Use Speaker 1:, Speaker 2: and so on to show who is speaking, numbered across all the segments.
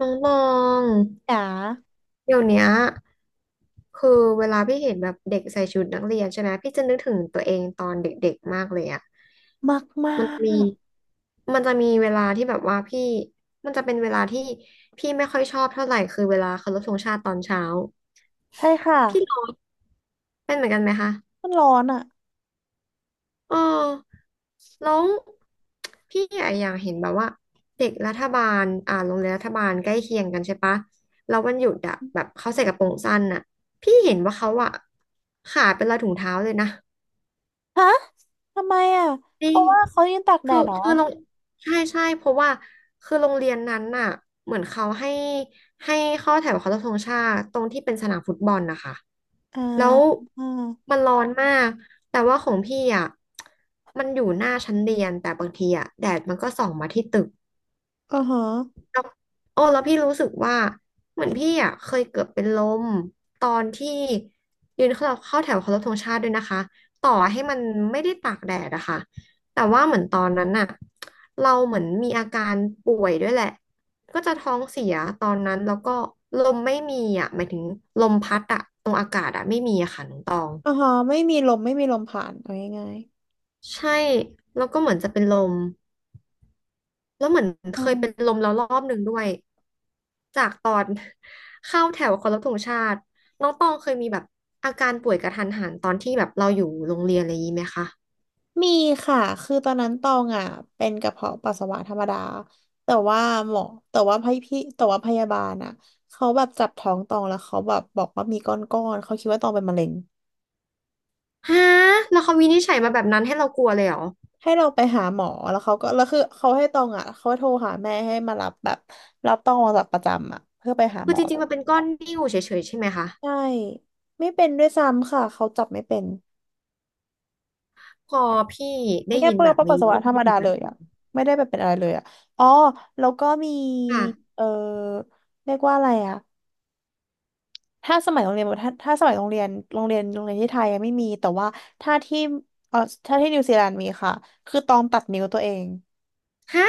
Speaker 1: น้องตอง
Speaker 2: หนา
Speaker 1: เดี๋ยวเนี้ยคือเวลาพี่เห็นแบบเด็กใส่ชุดนักเรียนใช่ไหมพี่จะนึกถึงตัวเองตอนเด็กๆมากเลยอ่ะ
Speaker 2: มากมา
Speaker 1: มันมี
Speaker 2: ก
Speaker 1: มันจะมีเวลาที่แบบว่าพี่ มันจะเป็นเวลาที่พี่ไม่ค่อยชอบเท่าไหร่คือเวลาเคารพธงชาติตอนเช้า
Speaker 2: ใช่ค่ะ
Speaker 1: พี่ร้องเป็นเหมือนกันไหมคะ
Speaker 2: มันร้อนอ่ะ
Speaker 1: เออแล้วพี่อะอยากเห็นแบบว่าเด็กรัฐบาลโรงเรียนรัฐบาลใกล้เคียงกันใช่ปะแล้ววันหยุดอะแบบเขาใส่กระโปรงสั้นอะพี่เห็นว่าเขาอะขาดเป็นรอยถุงเท้าเลยนะ
Speaker 2: ฮะทำไมอ่ะ
Speaker 1: จริ
Speaker 2: เพ
Speaker 1: ง
Speaker 2: ราะว่าเขายืนตากแด
Speaker 1: คือ
Speaker 2: ดเหรอ
Speaker 1: คือโรงใช่ใช่เพราะว่าคือโรงเรียนนั้นน่ะเหมือนเขาให้ให้เข้อแถวเคารพธงชาติตรงที่เป็นสนามฟุตบอลนะคะ
Speaker 2: อ่า
Speaker 1: แล้ว
Speaker 2: อ่า
Speaker 1: มันร้อนมากแต่ว่าของพี่อ่ะมันอยู่หน้าชั้นเรียนแต่บางทีอ่ะแดดมันก็ส่องมาที่ตึก
Speaker 2: อ่าฮะ
Speaker 1: แล้วโอ้แล้วพี่รู้สึกว่าเหมือนพี่อ่ะเคยเกือบเป็นลมตอนที่ยืนเข้าแถวเคารพธงชาติด้วยนะคะต่อให้มันไม่ได้ตากแดดอะค่ะแต่ว่าเหมือนตอนนั้นน่ะเราเหมือนมีอาการป่วยด้วยแหละก็จะท้องเสียตอนนั้นแล้วก็ลมไม่มีอ่ะหมายถึงลมพัดอ่ะตรงอากาศอ่ะไม่มีอะค่ะน้องตอง
Speaker 2: อ่าฮะไม่มีลมผ่านเอาง่าย
Speaker 1: ใช่แล้วก็เหมือนจะเป็นลม แล้วเหมือน
Speaker 2: ๆอื
Speaker 1: เคย
Speaker 2: ม
Speaker 1: เป็นลมแล้วรอบหนึ่งด้วยจากตอน เข้าแถวเคารพธงชาติน้องตองเคยมีแบบอาการป่วยกระทันหันตอนที่แบบเราอยู่โรงเรียนอะไรอย่างนี้ไหมคะ
Speaker 2: มีค่ะคือตอนนั้นตองอ่ะเป็นกระเพาะปัสสาวะธรรมดาแต่ว่าหมอแต่ว่าแต่ว่าพยาบาลอ่ะเขาแบบจับท้องตองแล้วเขาแบบบอกว่ามีก้อนๆเขาคิดว่าตองเป็นมะเร็ง
Speaker 1: ฮะแล้วเขาวินิจฉัยมาแบบนั้นให้เรากลัวเลยเหรอ
Speaker 2: ให้เราไปหาหมอแล้วเขาก็แล้วคือเขาให้ตองอ่ะเขาโทรหาแม่ให้มารับแบบรับตองออกจากประจำอ่ะเพื่อไปหา
Speaker 1: คื
Speaker 2: หม
Speaker 1: อ
Speaker 2: อ
Speaker 1: จริงๆมันเป็นก้อนนิ่วเฉยๆใช่ไหมคะ
Speaker 2: ใช่ไม่เป็นด้วยซ้ำค่ะเขาจับไม่เป็น
Speaker 1: พอพี่ได้
Speaker 2: แค่
Speaker 1: ยิน
Speaker 2: เปื้อ
Speaker 1: แบ
Speaker 2: น
Speaker 1: บ
Speaker 2: ปั
Speaker 1: นี้
Speaker 2: สสาวะ
Speaker 1: พี่
Speaker 2: ธร
Speaker 1: นึ
Speaker 2: ร
Speaker 1: ก
Speaker 2: ม
Speaker 1: ถึ
Speaker 2: ดา
Speaker 1: งน
Speaker 2: เลย
Speaker 1: ะ
Speaker 2: อ่ะไม่ได้แบบเป็นอะไรเลยอ่ะอ๋อแล้วก็มี
Speaker 1: ค่ะ
Speaker 2: เออเรียกว่าอะไรอ่ะถ้าสมัยโรงเรียนถ้าสมัยโรงเรียนโรงเรียนที่ไทยอะไม่มีแต่ว่าถ้าที่เออถ้าที่นิวซีแลนด์มีค่ะคือตองตัดนิ้วตัวเอง
Speaker 1: ฮะ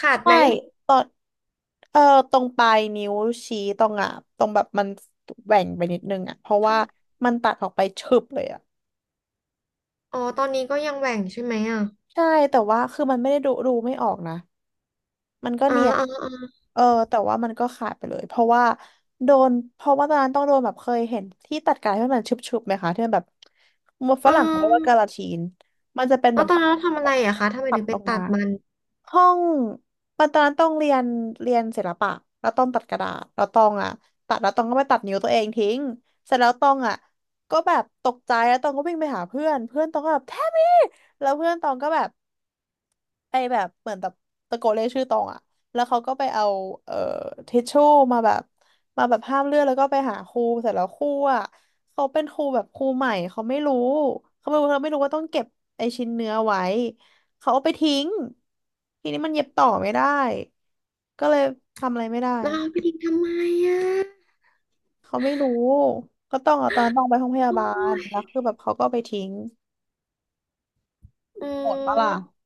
Speaker 1: ขาด
Speaker 2: ใช่
Speaker 1: ไหม
Speaker 2: เออตรงปลายนิ้วชี้ตรงอ่ะตรงแบบมันแหว่งไปนิดนึงอ่ะเพราะว่า
Speaker 1: ท
Speaker 2: มันตัดออกไปฉึบเลยอ่ะ
Speaker 1: ำอ๋อตอนนี้ก็ยังแหว่งใช่ไหมอ่ะ
Speaker 2: ใช่แต่ว่าคือมันไม่ได้ดูไม่ออกนะมันก็
Speaker 1: อ๋อ
Speaker 2: เนียน
Speaker 1: อ๋ออ๋อ
Speaker 2: เออแต่ว่ามันก็ขาดไปเลยเพราะว่าโดนเพราะว่าตอนนั้นต้องโดนแบบเคยเห็นที่ตัดกายที่มันชุบๆไหมคะที่มันแบบฝ
Speaker 1: อ๋อ
Speaker 2: รั่งเขาเรียกว่ากาลาทีนมันจะเป็นแบ
Speaker 1: แล้ว
Speaker 2: บ
Speaker 1: ตอน
Speaker 2: ที่
Speaker 1: นั้นเราทำอะไรอะคะทำไม
Speaker 2: ตั
Speaker 1: ถึ
Speaker 2: ด
Speaker 1: งไป
Speaker 2: ลง
Speaker 1: ตั
Speaker 2: มา
Speaker 1: ดมัน
Speaker 2: ห้องปัตอนนั้นต้องเรียนเรียนศิลปะแล้วต้องตัดกระดาษแล้วต้องตัดแล้วต้องก็ไปตัดนิ้วตัวเองทิ้งเสร็จแล้วต้องอ่ะก็แบบตกใจแล้วต้องก็วิ่งไปหาเพื่อนเพื่อนต้องก็แบบแทมมี่แล้วเพื่อนต้องก็แบบ ไอแบบเหมือนแบบตะโกนเรียกชื่อตองอะแล้วเขาก็ไปเอาเอ่อทิชชู่มาแบบมาแบบห้ามเลือดแล้วก็ไปหาครูเสร็จแล้วครูอะเขาเป็นครูแบบครูใหม่เขาไม่รู้เขาไม่รู้ว่าต้องเก็บไอชิ้นเนื้อไว้เขาเอาไปทิ้งทีนี้มันเย็บต่อไม่ได้ก็เลยทำอะไรไม่ได้
Speaker 1: เราเอาไปทิ้งทำไมอ่ะ
Speaker 2: เขาไม่รู้ก็ต้องเอาตอนนั้นต้องไปห้องพยา
Speaker 1: โอ
Speaker 2: บา
Speaker 1: ้
Speaker 2: ล
Speaker 1: ย
Speaker 2: แล้วคือแบบเขาก็เอาไปทิ้ง
Speaker 1: อื
Speaker 2: โหดปะล่ะ
Speaker 1: ม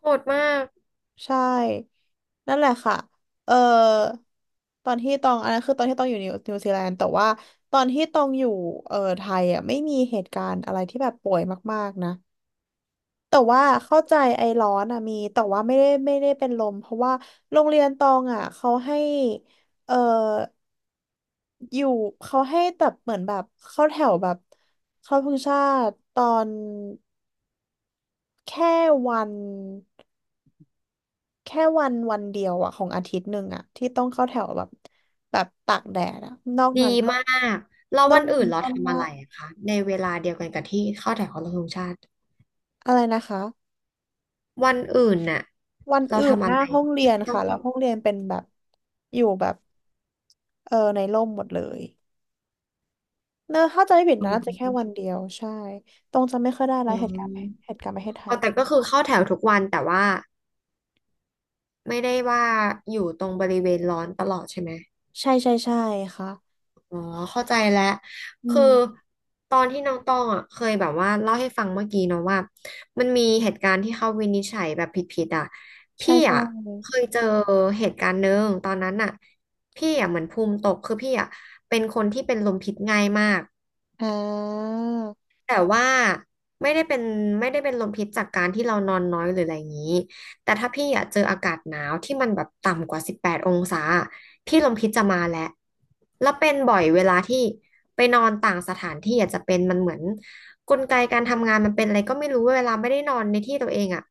Speaker 1: โหดมาก
Speaker 2: ใช่นั่นแหละค่ะเอ่อตอนที่ตองอันนั้นคือตอนที่ตองอยู่นิวซีแลนด์แต่ว่าตอนที่ตองอยู่ไทยอ่ะไม่มีเหตุการณ์อะไรที่แบบป่วยมากๆนะแต่ว่าเข้าใจไอร้อนอ่ะมีแต่ว่าไม่ได้เป็นลมเพราะว่าโรงเรียนตองอ่ะเขาให้เอ่ออยู่เขาให้แบบเหมือนแบบเข้าแถวแบบเข้าธงชาติตอนแค่วัน แค่วันเดียวอะของอาทิตย์หนึ่งอะที่ต้องเข้าแถวแบบแบบตากแดดอะนอก
Speaker 1: ดี
Speaker 2: นั้นก็
Speaker 1: มากแล้ว
Speaker 2: นอ
Speaker 1: วั
Speaker 2: ก
Speaker 1: นอื่
Speaker 2: นั้น
Speaker 1: นเรา
Speaker 2: ก็
Speaker 1: ทำอะ
Speaker 2: ว่า
Speaker 1: ไรอะคะในเวลาเดียวกันกับที่เข้าแถวเคารพธงชาติ
Speaker 2: อะไรนะคะ
Speaker 1: วันอื่นน่ะ
Speaker 2: วัน
Speaker 1: เรา
Speaker 2: อื่น
Speaker 1: ทำ
Speaker 2: ห
Speaker 1: อะ
Speaker 2: น้า
Speaker 1: ไร
Speaker 2: ห้องเรี
Speaker 1: ที่
Speaker 2: ยน
Speaker 1: ไม่ต้อง
Speaker 2: ค่ะแล้ว
Speaker 1: เข้า
Speaker 2: ห้องเรียนเป็นแบบอยู่แบบเออในร่มหมดเลยเนอะถ้าจะไม่ผิด
Speaker 1: อื
Speaker 2: นะน่าจะ
Speaker 1: ม
Speaker 2: แค่วันเดียวใช่ตรงจะไม่ค่อยได้
Speaker 1: อื
Speaker 2: รายเหตุการณ์เห
Speaker 1: ม
Speaker 2: ตุการณ์ประเทศไท
Speaker 1: ออ
Speaker 2: ย
Speaker 1: แต่ก็คือเข้าแถวทุกวันแต่ว่าไม่ได้ว่าอยู่ตรงบริเวณร้อนตลอดใช่ไหม
Speaker 2: ใช่ใช่ใช่ค่ะ
Speaker 1: อ๋อเข้าใจแล้ว
Speaker 2: อื
Speaker 1: คือ
Speaker 2: ม
Speaker 1: ตอนที่น้องตองอ่ะเคยแบบว่าเล่าให้ฟังเมื่อกี้เนาะว่ามันมีเหตุการณ์ที่เขาวินิจฉัยแบบผิดๆอ่ะ
Speaker 2: ใช่
Speaker 1: พี่
Speaker 2: ใช่
Speaker 1: อ่ะเคยเจอเหตุการณ์หนึ่งตอนนั้นอ่ะพี่อ่ะเหมือนภูมิตกคือพี่อ่ะเป็นคนที่เป็นลมพิษง่ายมาก
Speaker 2: อ่า
Speaker 1: แต่ว่าไม่ได้เป็นไม่ได้เป็นลมพิษจากการที่เรานอนน้อยหรืออะไรอย่างนี้แต่ถ้าพี่อยากเจออากาศหนาวที่มันแบบต่ำกว่า18องศาพี่ลมพิษจะมาแล้วแล้วเป็นบ่อยเวลาที่ไปนอนต่างสถานที่อาจจะเป็นมันเหมือนกลไกการทำงานมันเป็นอะไรก็ไม่รู้เวลาไม่ได้นอนในที่ตัวเองอ่ะ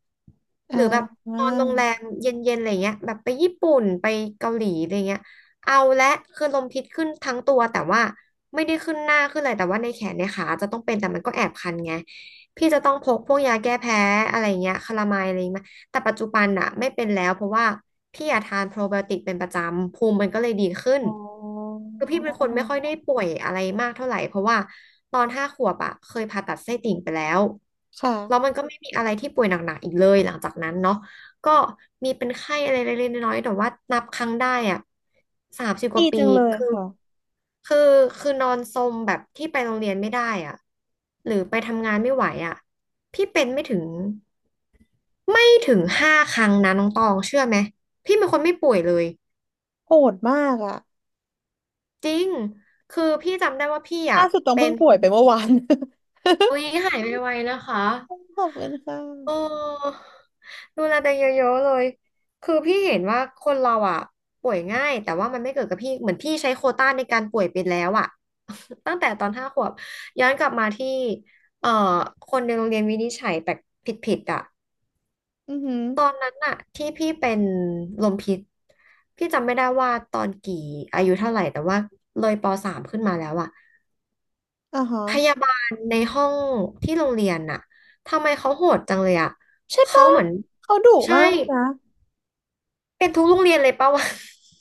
Speaker 2: อ่
Speaker 1: หรือแบบ
Speaker 2: า
Speaker 1: นอนโรงแรมเย็นๆอะไรเงี้ยแบบไปญี่ปุ่นไปเกาหลีอะไรเงี้ยเอาและคือลมพิษขึ้นทั้งตัวแต่ว่า ไม่ได้ขึ้นหน้าขึ้นอะไรแต่ว่าในแขนในขาจะต้องเป็นแต่มันก็แอบคันไงพี่จะต้องพกพวกยาแก้แพ้อะไรเงี้ยคาลาไมด์อะไรมาแต่ปัจจุบันอะไม่เป็นแล้วเพราะว่าพี่อะทานโปรไบโอติกเป็นประจำภูมิมันก็เลยดีขึ้น
Speaker 2: อ๋อ
Speaker 1: คือพี่เป็นคนไม่ค่อยได้ป่วยอะไรมากเท่าไหร่เพราะว่าตอน5 ขวบอะเคยผ่าตัดไส้ติ่งไปแล้ว
Speaker 2: ค่ะ
Speaker 1: แล้วมันก็ไม่มีอะไรที่ป่วยหนักๆอีกเลยหลังจากนั้นเนาะ ก็มีเป็นไข้อะไรเล็กๆน้อยๆแต่ว่านับครั้งได้อ่ะ30ก
Speaker 2: ดี
Speaker 1: ว่าปี
Speaker 2: จังเลย
Speaker 1: คือ
Speaker 2: ค่ะ
Speaker 1: คือคือนอนซมแบบที่ไปโรงเรียนไม่ได้อ่ะหรือไปทำงานไม่ไหวอ่ะพี่เป็นไม่ถึง5 ครั้งนะน้องตองเชื่อไหมพี่เป็นคนไม่ป่วยเลย
Speaker 2: โหดมากอ่ะ
Speaker 1: จริงคือพี่จำได้ว่าพี่อ่ะ
Speaker 2: ล่าสุดต้อง
Speaker 1: เป็
Speaker 2: เพิ่ง
Speaker 1: น
Speaker 2: ป่วยไปเมื่อวาน
Speaker 1: อุ๊ยหายไวๆนะคะ
Speaker 2: ขอบคุณค่ะ
Speaker 1: เออดูแลตัวเองเยอะๆเลย คือพี่เห็นว่าคนเราอ่ะป่วยง่ายแต่ว่ามันไม่เกิดกับพี่เหมือนพี่ใช้โควต้าในการป่วยไปแล้วอ่ะ ตั้งแต่ตอน5 ขวบย้อนกลับมาที่เอ่อคนในโรงเรียนวินิจฉัยแปลกผิดๆอ่ะ
Speaker 2: อือหือ
Speaker 1: ตอนนั้นอ่ะที่พี่เป็นลมพิษพี่จำไม่ได้ว่าตอนกี่อายุเท่าไหร่แต่ว่าเลยปสามขึ้นมาแล้วอ่ะ
Speaker 2: อ่าฮะ
Speaker 1: พยาบาลในห้องที่โรงเรียนน่ะทำไมเขาโหดจังเลยอ่ะ
Speaker 2: ใช่
Speaker 1: เขา
Speaker 2: ปะ
Speaker 1: เหมือน
Speaker 2: เขาดุ
Speaker 1: ใช่
Speaker 2: มากเลยนะ
Speaker 1: เป็นทุกโรงเรียนเลยปะวะ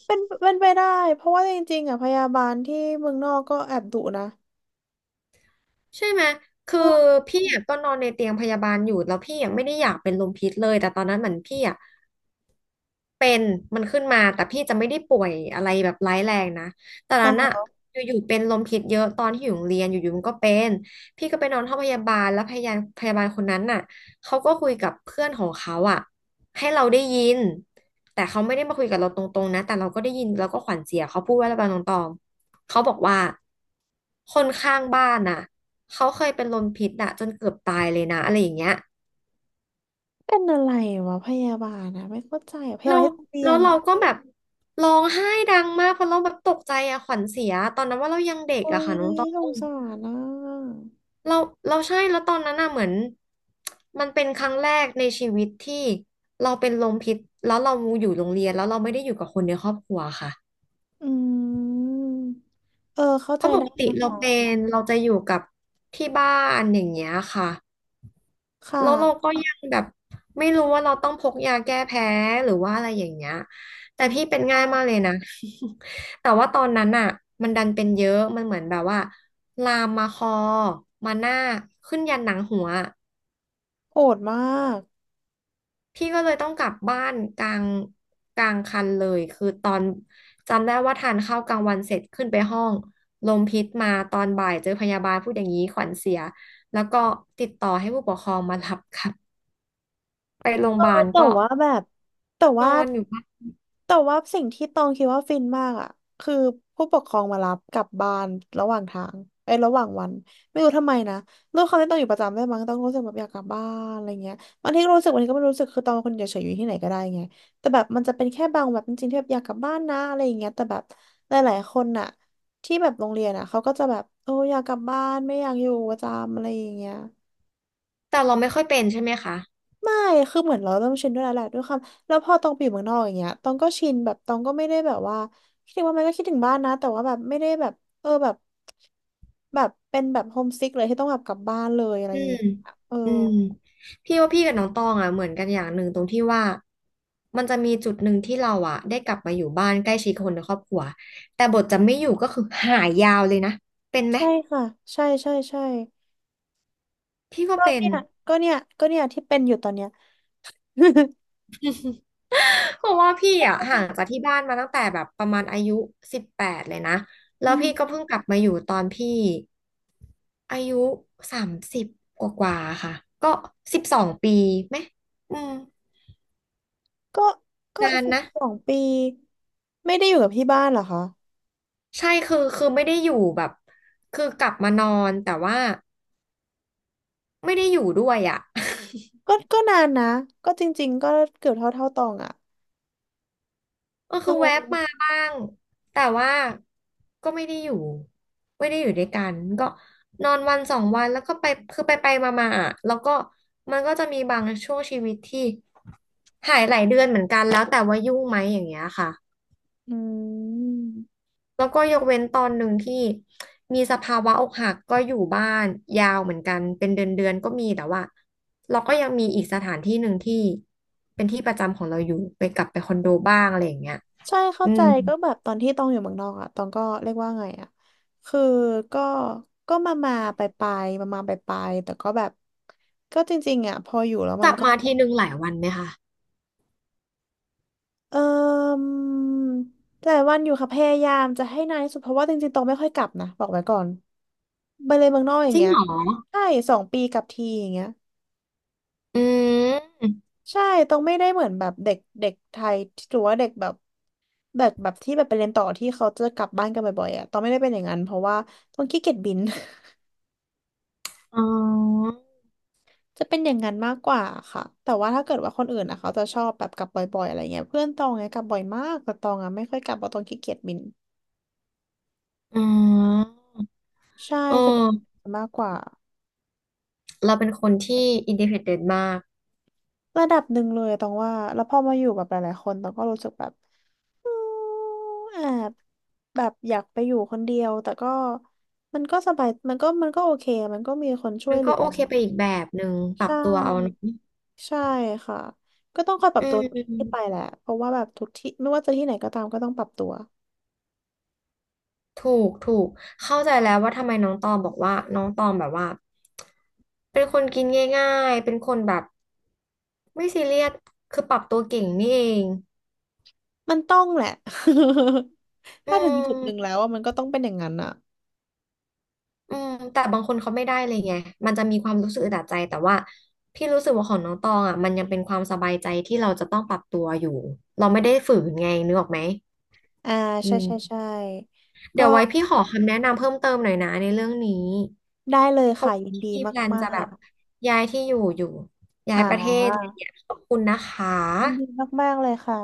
Speaker 2: เป็นเป็นไปได้เพราะว่าจริงๆอ่ะพยาบาลที่เมืองนอกก็แอบดุนะ
Speaker 1: ใช่ไหมคื
Speaker 2: เอ
Speaker 1: อ
Speaker 2: อ
Speaker 1: พี่อะก็นอนในเตียงพยาบาลอยู่แล้วพี่ยังไม่ได้อยากเป็นลมพิษเลยแต่ตอนนั้นเหมือนพี่อะ เป็นมันขึ้นมาแต่พี่จะไม่ได้ป่วยอะไรแบบร้ายแรงนะแต่นั้นอะ
Speaker 2: เออ
Speaker 1: อยู่ๆเป็นลมพิษเยอะตอนที่อยู่โรงเรียนอยู่ๆมันก็เป็นพี่ก็ไปนอนห้องพยาบาลแล้วพยาบาลคนนั้นน่ะเขาก็คุยกับเพื่อนของเขาอะให้เราได้ยินแต่เขาไม่ได้มาคุยกับเราตรงๆนะแต่เราก็ได้ยินเราก็ขวัญเสียเขาพูดว่าอะไรบางตรงๆเขาบอกว่าคนข้างบ้านน่ะเขาเคยเป็นลมพิษน่ะจนเกือบตายเลยนะอะไรอย่างเงี้ย
Speaker 2: เป็นอะไรวะพยาบาลนะไม่เข้าใจอะพยา
Speaker 1: เรา
Speaker 2: บาลที่ต้องเรี
Speaker 1: แล้
Speaker 2: ย
Speaker 1: ว
Speaker 2: น
Speaker 1: เรา
Speaker 2: อะ
Speaker 1: ก็แบบร้องไห้ดังมากเพราะเราแบบตกใจอะขวัญเสียตอนนั้นว่าเรายังเด็ก
Speaker 2: โอ้
Speaker 1: อะ
Speaker 2: ย
Speaker 1: ค่ะน้องตอ
Speaker 2: สง
Speaker 1: ง
Speaker 2: สารนะ
Speaker 1: เราเราใช่แล้วตอนนั้นอะเหมือนมันเป็นครั้งแรกในชีวิตที่เราเป็นลมพิษแล้วเราอยู่โรงเรียนแล้วเราไม่ได้อยู่กับคนในครอบครัวค่ะ
Speaker 2: อืมเออเข้า
Speaker 1: เพ
Speaker 2: ใจ
Speaker 1: ราะป
Speaker 2: ได้
Speaker 1: กติ
Speaker 2: นะ
Speaker 1: เราเป็
Speaker 2: คะ
Speaker 1: นเราจะอยู่กับที่บ้านอย่างเงี้ยค่ะ
Speaker 2: ค่ะ
Speaker 1: แล้วเราก็ยังแบบไม่รู้ว่าเราต้องพกยาแก้แพ้หรือว่าอะไรอย่างเงี้ยแต่พี่เป็นง่ายมาก
Speaker 2: ค่ะ
Speaker 1: เลยนะ แต่ว่าตอนนั้นอ่ะมันดันเป็นเยอะมันเหมือนแบบว่าลามมาคอมาหน้าขึ้นยันหนังหัว
Speaker 2: โหดมาก
Speaker 1: พี่ก็เลยต้องกลับบ้านกลางคันเลยคือตอนจำได้ว่าทานข้าวกลางวันเสร็จขึ้นไปห้องลมพิษมาตอนบ่ายเจอพยาบาลพูดอย่างนี้ขวัญเสียแล้วก็ติดต่อให้ผู้ปกครองมารับ ครับไปโรงพ
Speaker 2: เออ
Speaker 1: ยาบาล
Speaker 2: แต่
Speaker 1: ก็
Speaker 2: ว่าแบบแต่
Speaker 1: น
Speaker 2: ว่า
Speaker 1: อนอยู่
Speaker 2: แต่ว่าสิ่งที่ตองคิดว่าฟินมากอ่ะคือผู้ปกครองมารับกลับบ้านระหว่างทางเอ้ยระหว่างวันไม่รู้ทำไมนะด้วยความที่ตองอยู่ประจำด้วยมั้งตองรู้สึกแบบอยากกลับบ้านอะไรเงี้ยบางทีก็รู้สึกบางทีก็ไม่รู้สึกคือตองเป็นคนเฉยๆอยู่ที่ไหนก็ได้ไงแต่แบบมันจะเป็นแค่บางแบบจริงๆที่แบบอยากกลับบ้านนะอะไรอย่างเงี้ยแต่แบบหลายๆคนน่ะที่แบบโรงเรียนอ่ะเขาก็จะแบบโอ้อยากกลับบ้านไม่อยากอยู่ประจำอะไรอย่างเงี้ย
Speaker 1: แต่เราไม่ค่อยเป็นใช่ไหมคะ
Speaker 2: ไม่ คือเหมือนเราเริ่มชินด้วยแล้วแหละด้วยความแล้วพอตองไปอยู่เมืองนอกอย่างเงี้ยตองก็ชินแบบตองก็ไม่ได้แบบว่าคิดถึงว่ามันก็คิดถึงบ้านนะแต่ว่าแบบไม่ได้แบบเออแบบแบบเป็นแบบโฮมซิกเลยที่ต้องแบบกลับบ้านเลยอะไรอ
Speaker 1: อื
Speaker 2: ย่าง
Speaker 1: ม
Speaker 2: เงี้ยเออ
Speaker 1: อืม พี่ว่าพี่กับน้องตองอ่ะเหมือนกันอย่างหนึ่งตรงที่ว่ามันจะมีจุดหนึ่งที่เราอ่ะได้กลับมาอยู่บ้านใกล้ชิดคนในครอบครัวแต่บทจะไม่อยู่ก็คือหายยาวเลยนะเป็นไหม
Speaker 2: ใช่ค่ะใช่ใช่ใช่
Speaker 1: พี่ว่า
Speaker 2: ก็
Speaker 1: เป็น
Speaker 2: เนี่ยก็เนี่ยที่เป็นอยู่ตอนเนี้ย
Speaker 1: เพราะว่าพี่อ่ะห่างจากที่บ้าน มาตั้งแต่แบบประมาณอายุ18เลยนะแล้
Speaker 2: อื
Speaker 1: วพี่ก็
Speaker 2: ม
Speaker 1: เพิ่งกลับมาอยู่ตอนพี่อายุ30กว่ากว่าๆค่ะก็12 ปีไหมอืม
Speaker 2: ก็ก็
Speaker 1: นาน
Speaker 2: สิบ
Speaker 1: นะ
Speaker 2: สองปีไม่ได้อยู่กับที่บ้านเหรอคะ
Speaker 1: ใช่คือไม่ได้อยู่แบบคือกลับมานอนแต่ว่าไม่ได้อยู่ด้วยอ่ะ
Speaker 2: ก็นานนะก็จริงๆก็เกือบเท่าตองอ่ะ
Speaker 1: ก็
Speaker 2: เอ
Speaker 1: คือแวบมา
Speaker 2: อ
Speaker 1: บ้างแต่ว่าก็ไม่ได้อยู่ด้วยกันก็นอนวันสองวันแล้วก็ไปคือไปไปมามาอ่ะแล้วก็มันก็จะมีบางช่วงชีวิตที่หายหลายเดือนเหมือนกันแล้วแต่ว่ายุ่งไหมอย่างเงี้ยค่ะ
Speaker 2: อืม
Speaker 1: แล้วก็ยกเว้นตอนหนึ่งที่มีสภาวะอกหักก็อยู่บ้านยาวเหมือนกันเป็นเดือนเดือนก็มีแต่ว่าเราก็ยังมีอีกสถานที่หนึ่งที่เป็นที่ประจำของเราอยู่ไปกลับไปคอนโดบ้างอะไรอย่างเงี้ย
Speaker 2: ใช่เข้า
Speaker 1: อื
Speaker 2: ใจ
Speaker 1: ม
Speaker 2: ก็แบบตอนที่ตองอยู่เมืองนอกอ่ะตองก็เรียกว่าไงอ่ะคือก็ก็มามาไปไปมามาไปไปแต่ก็แบบก็จริงๆอ่ะพออยู่แล้ว
Speaker 1: ก
Speaker 2: มัน
Speaker 1: ลับ
Speaker 2: ก็
Speaker 1: มาทีหนึ่งหลายวันไหมคะ
Speaker 2: เออแต่วันอยู่ค่ะพยายามจะให้นานที่สุดเพราะว่าจริงๆตองไม่ค่อยกลับนะบอกไว้ก่อนไปเลยเมืองนอกอย่า
Speaker 1: จ
Speaker 2: ง
Speaker 1: ริง
Speaker 2: เงี้ย
Speaker 1: เหรอ
Speaker 2: ใช่2 ปีกลับทีอย่างเงี้ย
Speaker 1: อืม
Speaker 2: ใช่ตรงไม่ได้เหมือนแบบเด็กเด็กไทยหรือว่าเด็กแบบแบบที่แบบไปเรียนต่อที่เขาจะกลับบ้านกันบ่อยๆอ่ะตองไม่ได้เป็นอย่างนั้นเพราะว่าตองขี้เกียจบิน
Speaker 1: อ๋อ
Speaker 2: จะเป็นอย่างนั้นมากกว่าค่ะแต่ว่าถ้าเกิดว่าคนอื่นอ่ะเขาจะชอบแบบกลับบ่อยๆอะไรเงี้ยเพื่อนตองไงกลับบ่อยมากแต่ตองอ่ะไม่ค่อยกลับเพราะตองขี้เกียจบิน
Speaker 1: อ๋อ
Speaker 2: ใช่
Speaker 1: เอ
Speaker 2: จะเป็นอย่าง
Speaker 1: อ
Speaker 2: นั้นมากกว่า
Speaker 1: เราเป็นคนที่อินดิเพนเดนต์มาก
Speaker 2: ระดับหนึ่งเลยอะตองว่าแล้วพอมาอยู่กับหลายๆคนตองก็รู้สึกแบบอืมแอบแบบอยากไปอยู่คนเดียวแต่ก็มันก็สบายมันก็มันก็โอเคมันก็มีคนช่ว
Speaker 1: มั
Speaker 2: ย
Speaker 1: น
Speaker 2: เหลื
Speaker 1: ก็
Speaker 2: อ
Speaker 1: โอเคไปอีกแบบหนึ่งปรับ
Speaker 2: ใช่
Speaker 1: ตัวเอาเนอะ
Speaker 2: ใช่ค่ะก็ต้องคอยปรั
Speaker 1: อื
Speaker 2: บตัวทุกที่ไป
Speaker 1: ม
Speaker 2: แหละเพราะว่าแบบทุกที่ไม่ว่าจะที่ไหนก็ตามก็ต้องปรับตัว
Speaker 1: ถูกถูกเข้าใจแล้วว่าทำไมน้องตองบอกว่าน้องตองแบบว่าเป็นคนกินง่ายๆเป็นคนแบบไม่ซีเรียสคือปรับตัวเก่งนี่เอง
Speaker 2: มันต้องแหละ
Speaker 1: อื
Speaker 2: ถ้าถึงจุดหนึ่งแล้
Speaker 1: ม
Speaker 2: วอะมันก็ต้องเป็นอย่างนั้นอ่ะ
Speaker 1: อืมแต่บางคนเขาไม่ได้เลยไงมันจะมีความรู้สึกอึดอัดใจแต่ว่าพี่รู้สึกว่าของน้องตองอ่ะมันยังเป็นความสบายใจที่เราจะต้องปรับตัวอยู่เราไม่ได้ฝืนไงนึกออกไหม
Speaker 2: อ่า
Speaker 1: อื
Speaker 2: ใช่ใช่
Speaker 1: ม
Speaker 2: ใช่
Speaker 1: เดี๋
Speaker 2: ก็
Speaker 1: ยวไว้พี่ขอคำแนะนำเพิ่มเติมหน่อยนะในเรื่องนี้
Speaker 2: ได้เลย
Speaker 1: เพราะ
Speaker 2: ค่ะ
Speaker 1: ว่า
Speaker 2: ยิน
Speaker 1: พี่
Speaker 2: ดี
Speaker 1: มีแพลน
Speaker 2: มา
Speaker 1: จะแบบ
Speaker 2: ก
Speaker 1: ย้ายที่อยู่อยู่
Speaker 2: ๆ
Speaker 1: ย้ายประเทศอะไรอย่างเงี้ยขอบคุณนะคะ
Speaker 2: ยินดีมากๆเลยค่ะ